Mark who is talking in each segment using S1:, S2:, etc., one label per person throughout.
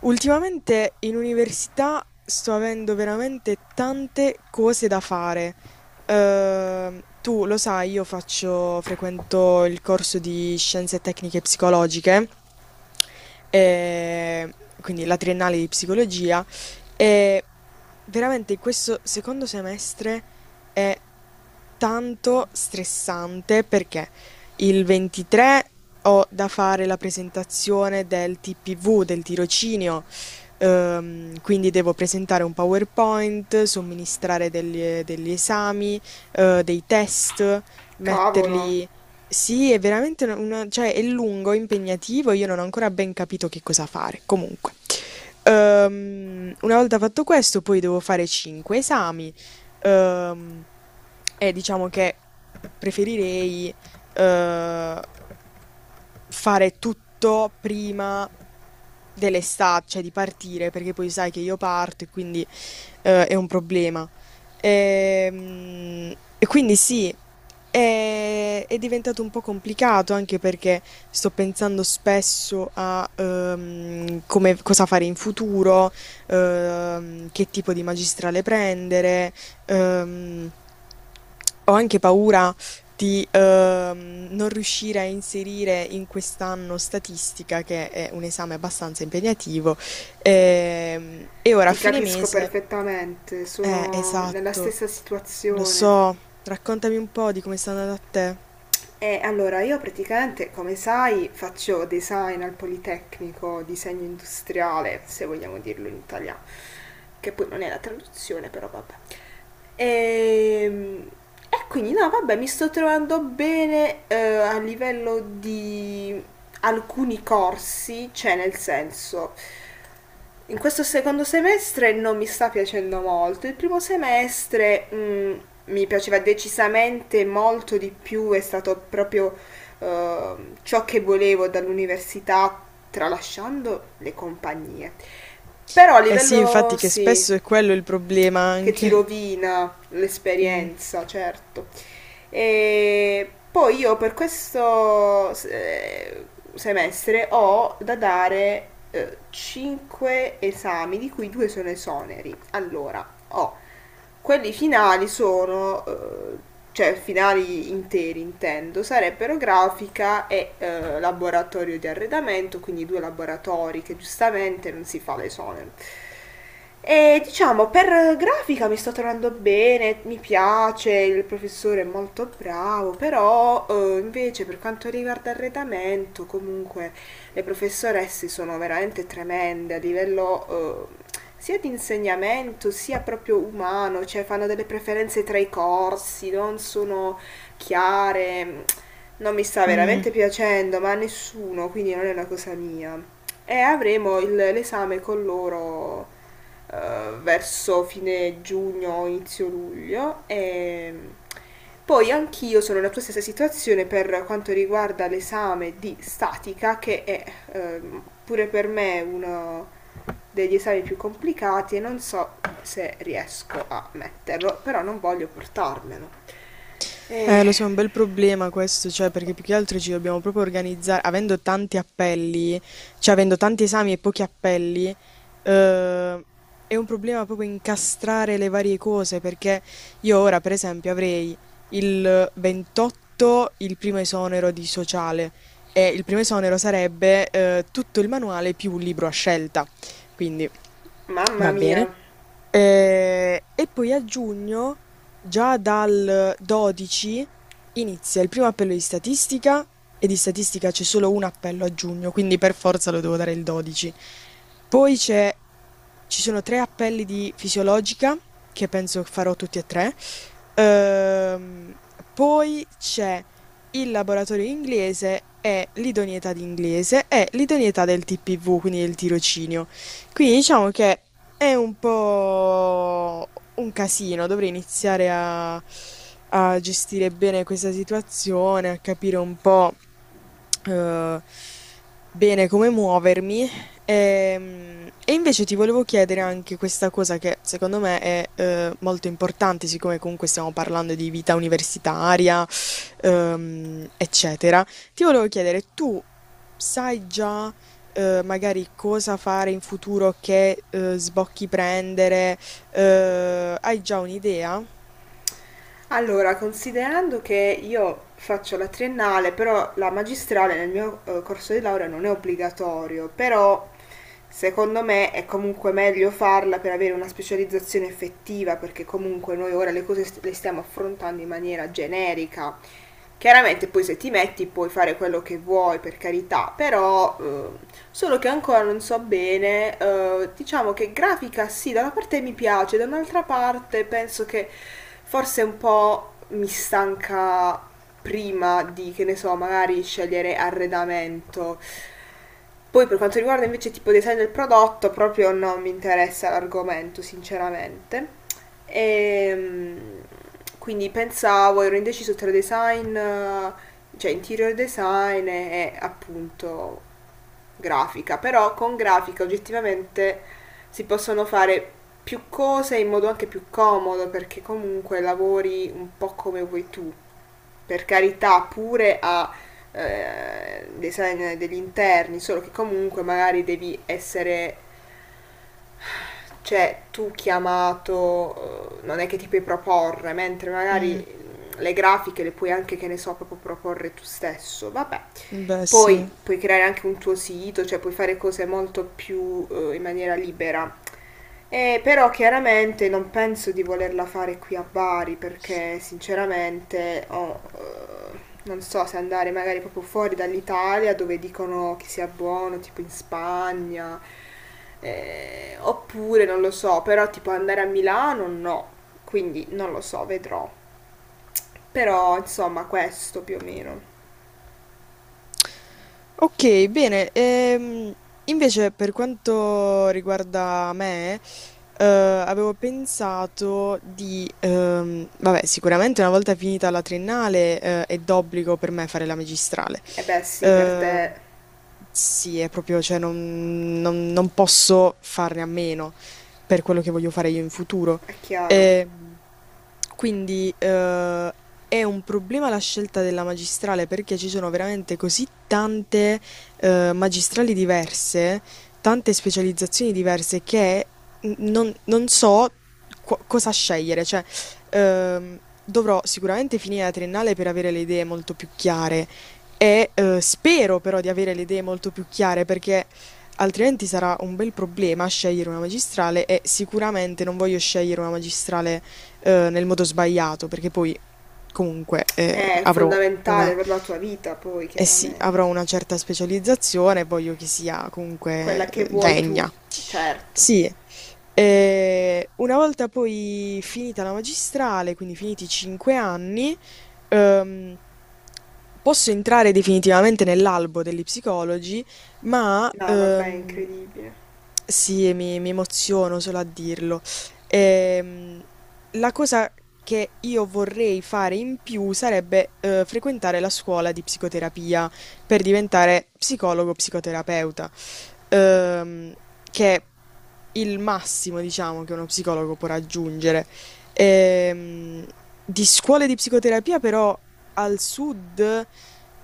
S1: Ultimamente in università sto avendo veramente tante cose da fare. Tu lo sai, frequento il corso di scienze tecniche psicologiche, e quindi la triennale di psicologia, e veramente questo secondo semestre è tanto stressante. Perché? Il 23 ho da fare la presentazione del TPV, del tirocinio. Quindi devo presentare un PowerPoint, somministrare degli esami, dei test,
S2: Cavolo,
S1: metterli... Sì, è veramente cioè è lungo, impegnativo, io non ho ancora ben capito che cosa fare. Comunque. Una volta fatto questo, poi devo fare 5 esami. ehm, e diciamo che preferirei eh, fare tutto prima dell'estate, cioè di partire, perché poi sai che io parto e quindi è un problema. Quindi sì, è diventato un po' complicato anche perché sto pensando spesso a come, cosa fare in futuro, che tipo di magistrale prendere. ehm, Ho anche paura di non riuscire a inserire in quest'anno statistica, che è un esame abbastanza impegnativo, e ora a
S2: ti
S1: fine
S2: capisco
S1: mese,
S2: perfettamente, sono nella
S1: esatto,
S2: stessa
S1: lo
S2: situazione.
S1: so, raccontami un po' di come sta andando a te.
S2: E allora io praticamente, come sai, faccio design al Politecnico, disegno industriale, se vogliamo dirlo in italiano, che poi non è la traduzione, però vabbè. Ehm, quindi no, vabbè, mi sto trovando bene a livello di alcuni corsi, cioè nel senso, in questo secondo semestre non mi sta piacendo molto. Il primo semestre, mhmm, mi piaceva decisamente molto di più, è stato proprio ciò che volevo dall'università, tralasciando le compagnie. Però a
S1: Eh sì,
S2: livello
S1: infatti che
S2: sì,
S1: spesso è quello il problema
S2: che ti
S1: anche.
S2: rovina
S1: Mm.
S2: l'esperienza, certo. E poi io per questo semestre ho da dare 5 esami, di cui due sono esoneri. Allora, ho quelli finali sono, cioè finali interi intendo, sarebbero grafica e laboratorio di arredamento, quindi due laboratori che giustamente non si fa l'esonero. E diciamo, per grafica mi sto trovando bene, mi piace, il professore è molto bravo, però invece per quanto riguarda arredamento, comunque le professoresse sono veramente tremende a livello sia di insegnamento sia proprio umano, cioè fanno delle preferenze tra i corsi, non sono chiare, non mi sta
S1: Mm.
S2: veramente piacendo, ma a nessuno, quindi non è una cosa mia. E avremo l'esame con loro verso fine giugno, inizio luglio, e poi anch'io sono nella tua stessa situazione per quanto riguarda l'esame di statica che è pure per me uno degli esami più complicati e non so se riesco a metterlo, però non voglio portarmelo. Eh,
S1: Lo so, è un bel problema questo, cioè, perché più che altro ci dobbiamo proprio organizzare, avendo tanti appelli, cioè avendo tanti esami e pochi appelli, eh, è un problema proprio incastrare le varie cose, perché io ora, per esempio, avrei il 28 il primo esonero di sociale e il primo esonero sarebbe, tutto il manuale più un libro a scelta. Quindi,
S2: mamma
S1: va
S2: mia.
S1: bene. E poi a giugno, già dal 12, inizia il primo appello di statistica e di statistica c'è solo un appello a giugno, quindi per forza lo devo dare il 12. Poi c'è- Ci sono 3 appelli di fisiologica, che penso farò tutti e tre. Ehm, poi c'è il laboratorio inglese e l'idoneità di inglese e l'idoneità del TPV, quindi del tirocinio. Quindi diciamo che è un po' un casino, dovrei iniziare a gestire bene questa situazione, a capire un po' eh, bene come muovermi. Ehm, invece ti volevo chiedere anche questa cosa che secondo me è molto importante, siccome comunque stiamo parlando di vita universitaria, eccetera. Ti volevo chiedere, tu sai già magari cosa fare in futuro, che sbocchi prendere, hai già un'idea?
S2: Allora, considerando che io faccio la triennale, però la magistrale nel mio corso di laurea non è obbligatorio, però secondo me è comunque meglio farla per avere una specializzazione effettiva, perché comunque noi ora le cose le stiamo affrontando in maniera generica. Chiaramente poi se ti metti puoi fare quello che vuoi, per carità, però solo che ancora non so bene, diciamo che grafica sì, da una parte mi piace, da un'altra parte penso che forse un po' mi stanca prima di, che ne so, magari scegliere arredamento. Poi per quanto riguarda invece tipo design del prodotto, proprio non mi interessa l'argomento, sinceramente. E, mm, quindi pensavo, ero indeciso tra design, cioè interior design e appunto grafica, però con grafica oggettivamente si possono fare più cose in modo anche più comodo perché comunque lavori un po' come vuoi tu. Per carità, pure a design degli interni, solo che comunque magari devi essere cioè, tu chiamato, non è che ti puoi proporre, mentre magari
S1: Mm,
S2: le grafiche le puoi anche, che ne so, proprio proporre tu stesso. Vabbè.
S1: beh, sì.
S2: Poi puoi creare anche un tuo sito, cioè puoi fare cose molto più in maniera libera. Però chiaramente non penso di volerla fare qui a Bari perché sinceramente ho, non so se andare magari proprio fuori dall'Italia dove dicono che sia buono, tipo in Spagna, oppure non lo so, però tipo andare a Milano no, quindi non lo so, vedrò. Però insomma questo più o meno.
S1: Ok, bene. Invece per quanto riguarda me, avevo pensato di, vabbè, sicuramente una volta finita la triennale, è d'obbligo per me fare la magistrale.
S2: E beh sì, per
S1: Eh,
S2: te
S1: sì, è proprio, cioè, non posso farne a meno per quello che voglio fare io in futuro.
S2: è chiaro,
S1: Ehm, quindi è un problema la scelta della magistrale perché ci sono veramente così tante magistrali diverse, tante specializzazioni diverse che non so cosa scegliere. Cioè, dovrò sicuramente finire la triennale per avere le idee molto più chiare. E spero però di avere le idee molto più chiare perché altrimenti sarà un bel problema scegliere una magistrale e sicuramente non voglio scegliere una magistrale nel modo sbagliato, perché poi comunque
S2: è
S1: avrò
S2: fondamentale
S1: una,
S2: per la tua vita poi
S1: eh sì,
S2: chiaramente.
S1: avrò una certa specializzazione e voglio che sia comunque
S2: Quella che vuoi tu,
S1: degna.
S2: certo.
S1: Sì. Una volta poi finita la magistrale, quindi finiti i 5 anni, ehm, posso entrare definitivamente nell'albo degli psicologi, ma
S2: No, vabbè, è incredibile.
S1: sì, mi emoziono solo a dirlo. Ehm, la cosa che io vorrei fare in più sarebbe frequentare la scuola di psicoterapia per diventare psicologo psicoterapeuta, ehm, che è il massimo, diciamo, che uno psicologo può raggiungere. Ehm, di scuole di psicoterapia però al sud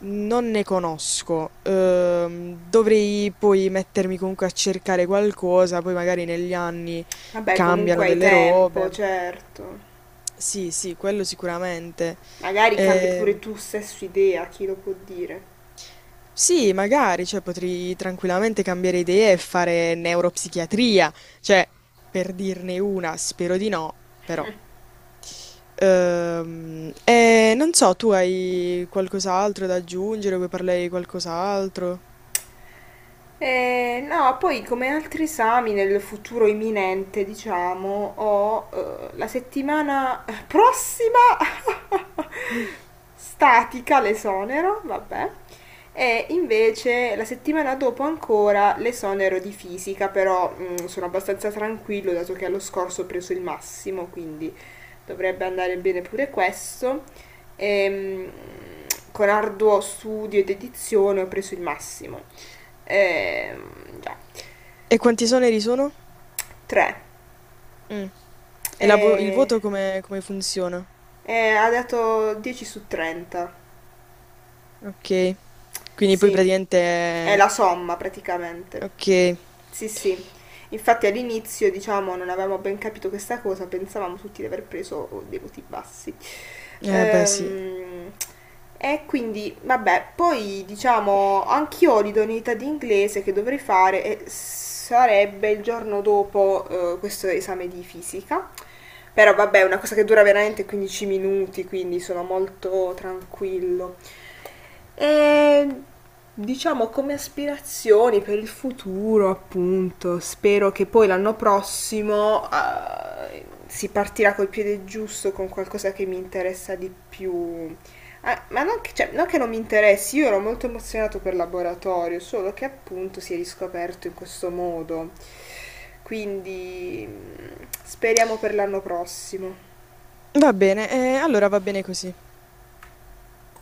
S1: non ne conosco. Dovrei poi mettermi comunque a cercare qualcosa, poi magari negli anni
S2: Vabbè,
S1: cambiano
S2: comunque hai
S1: delle
S2: tempo,
S1: robe.
S2: certo.
S1: Sì, sì, quello sicuramente.
S2: Magari cambi pure
S1: Ehm,
S2: tu stesso idea, chi lo può dire.
S1: sì, magari, cioè, potrei tranquillamente cambiare idea e fare neuropsichiatria, cioè, per dirne una, spero di no, però. E non so, tu hai qualcos'altro da aggiungere? Vuoi parlare di qualcos'altro?
S2: No, poi come altri esami nel futuro imminente, diciamo, ho la settimana prossima
S1: Mm.
S2: statica l'esonero, vabbè, e invece la settimana dopo ancora l'esonero di fisica, però mm, sono abbastanza tranquillo dato che allo scorso ho preso il massimo, quindi dovrebbe andare bene pure questo. Ehm, con arduo studio ed edizione ho preso il massimo. Già,
S1: E quanti esoneri sono?
S2: 3.
S1: Mm. E il
S2: E,
S1: voto come, come funziona?
S2: e ha dato 10 su 30.
S1: Ok. Quindi poi
S2: Sì,
S1: praticamente...
S2: è
S1: è-
S2: la somma praticamente.
S1: Ok.
S2: Sì, sì. Infatti all'inizio, diciamo, non avevamo ben capito questa cosa, pensavamo tutti di aver preso dei voti bassi.
S1: Eh beh sì.
S2: Ehm, e quindi, vabbè, poi diciamo, anch'io ho l'idoneità di inglese che dovrei fare e sarebbe il giorno dopo questo esame di fisica. Però vabbè, è una cosa che dura veramente 15 minuti, quindi sono molto tranquillo. E diciamo come aspirazioni per il futuro, appunto, spero che poi l'anno prossimo si partirà col piede giusto con qualcosa che mi interessa di più. Ah, ma non che, cioè, non che non mi interessi, io ero molto emozionato per il laboratorio, solo che appunto si è riscoperto in questo modo. Quindi mm, speriamo per l'anno prossimo.
S1: Va bene, allora va bene così.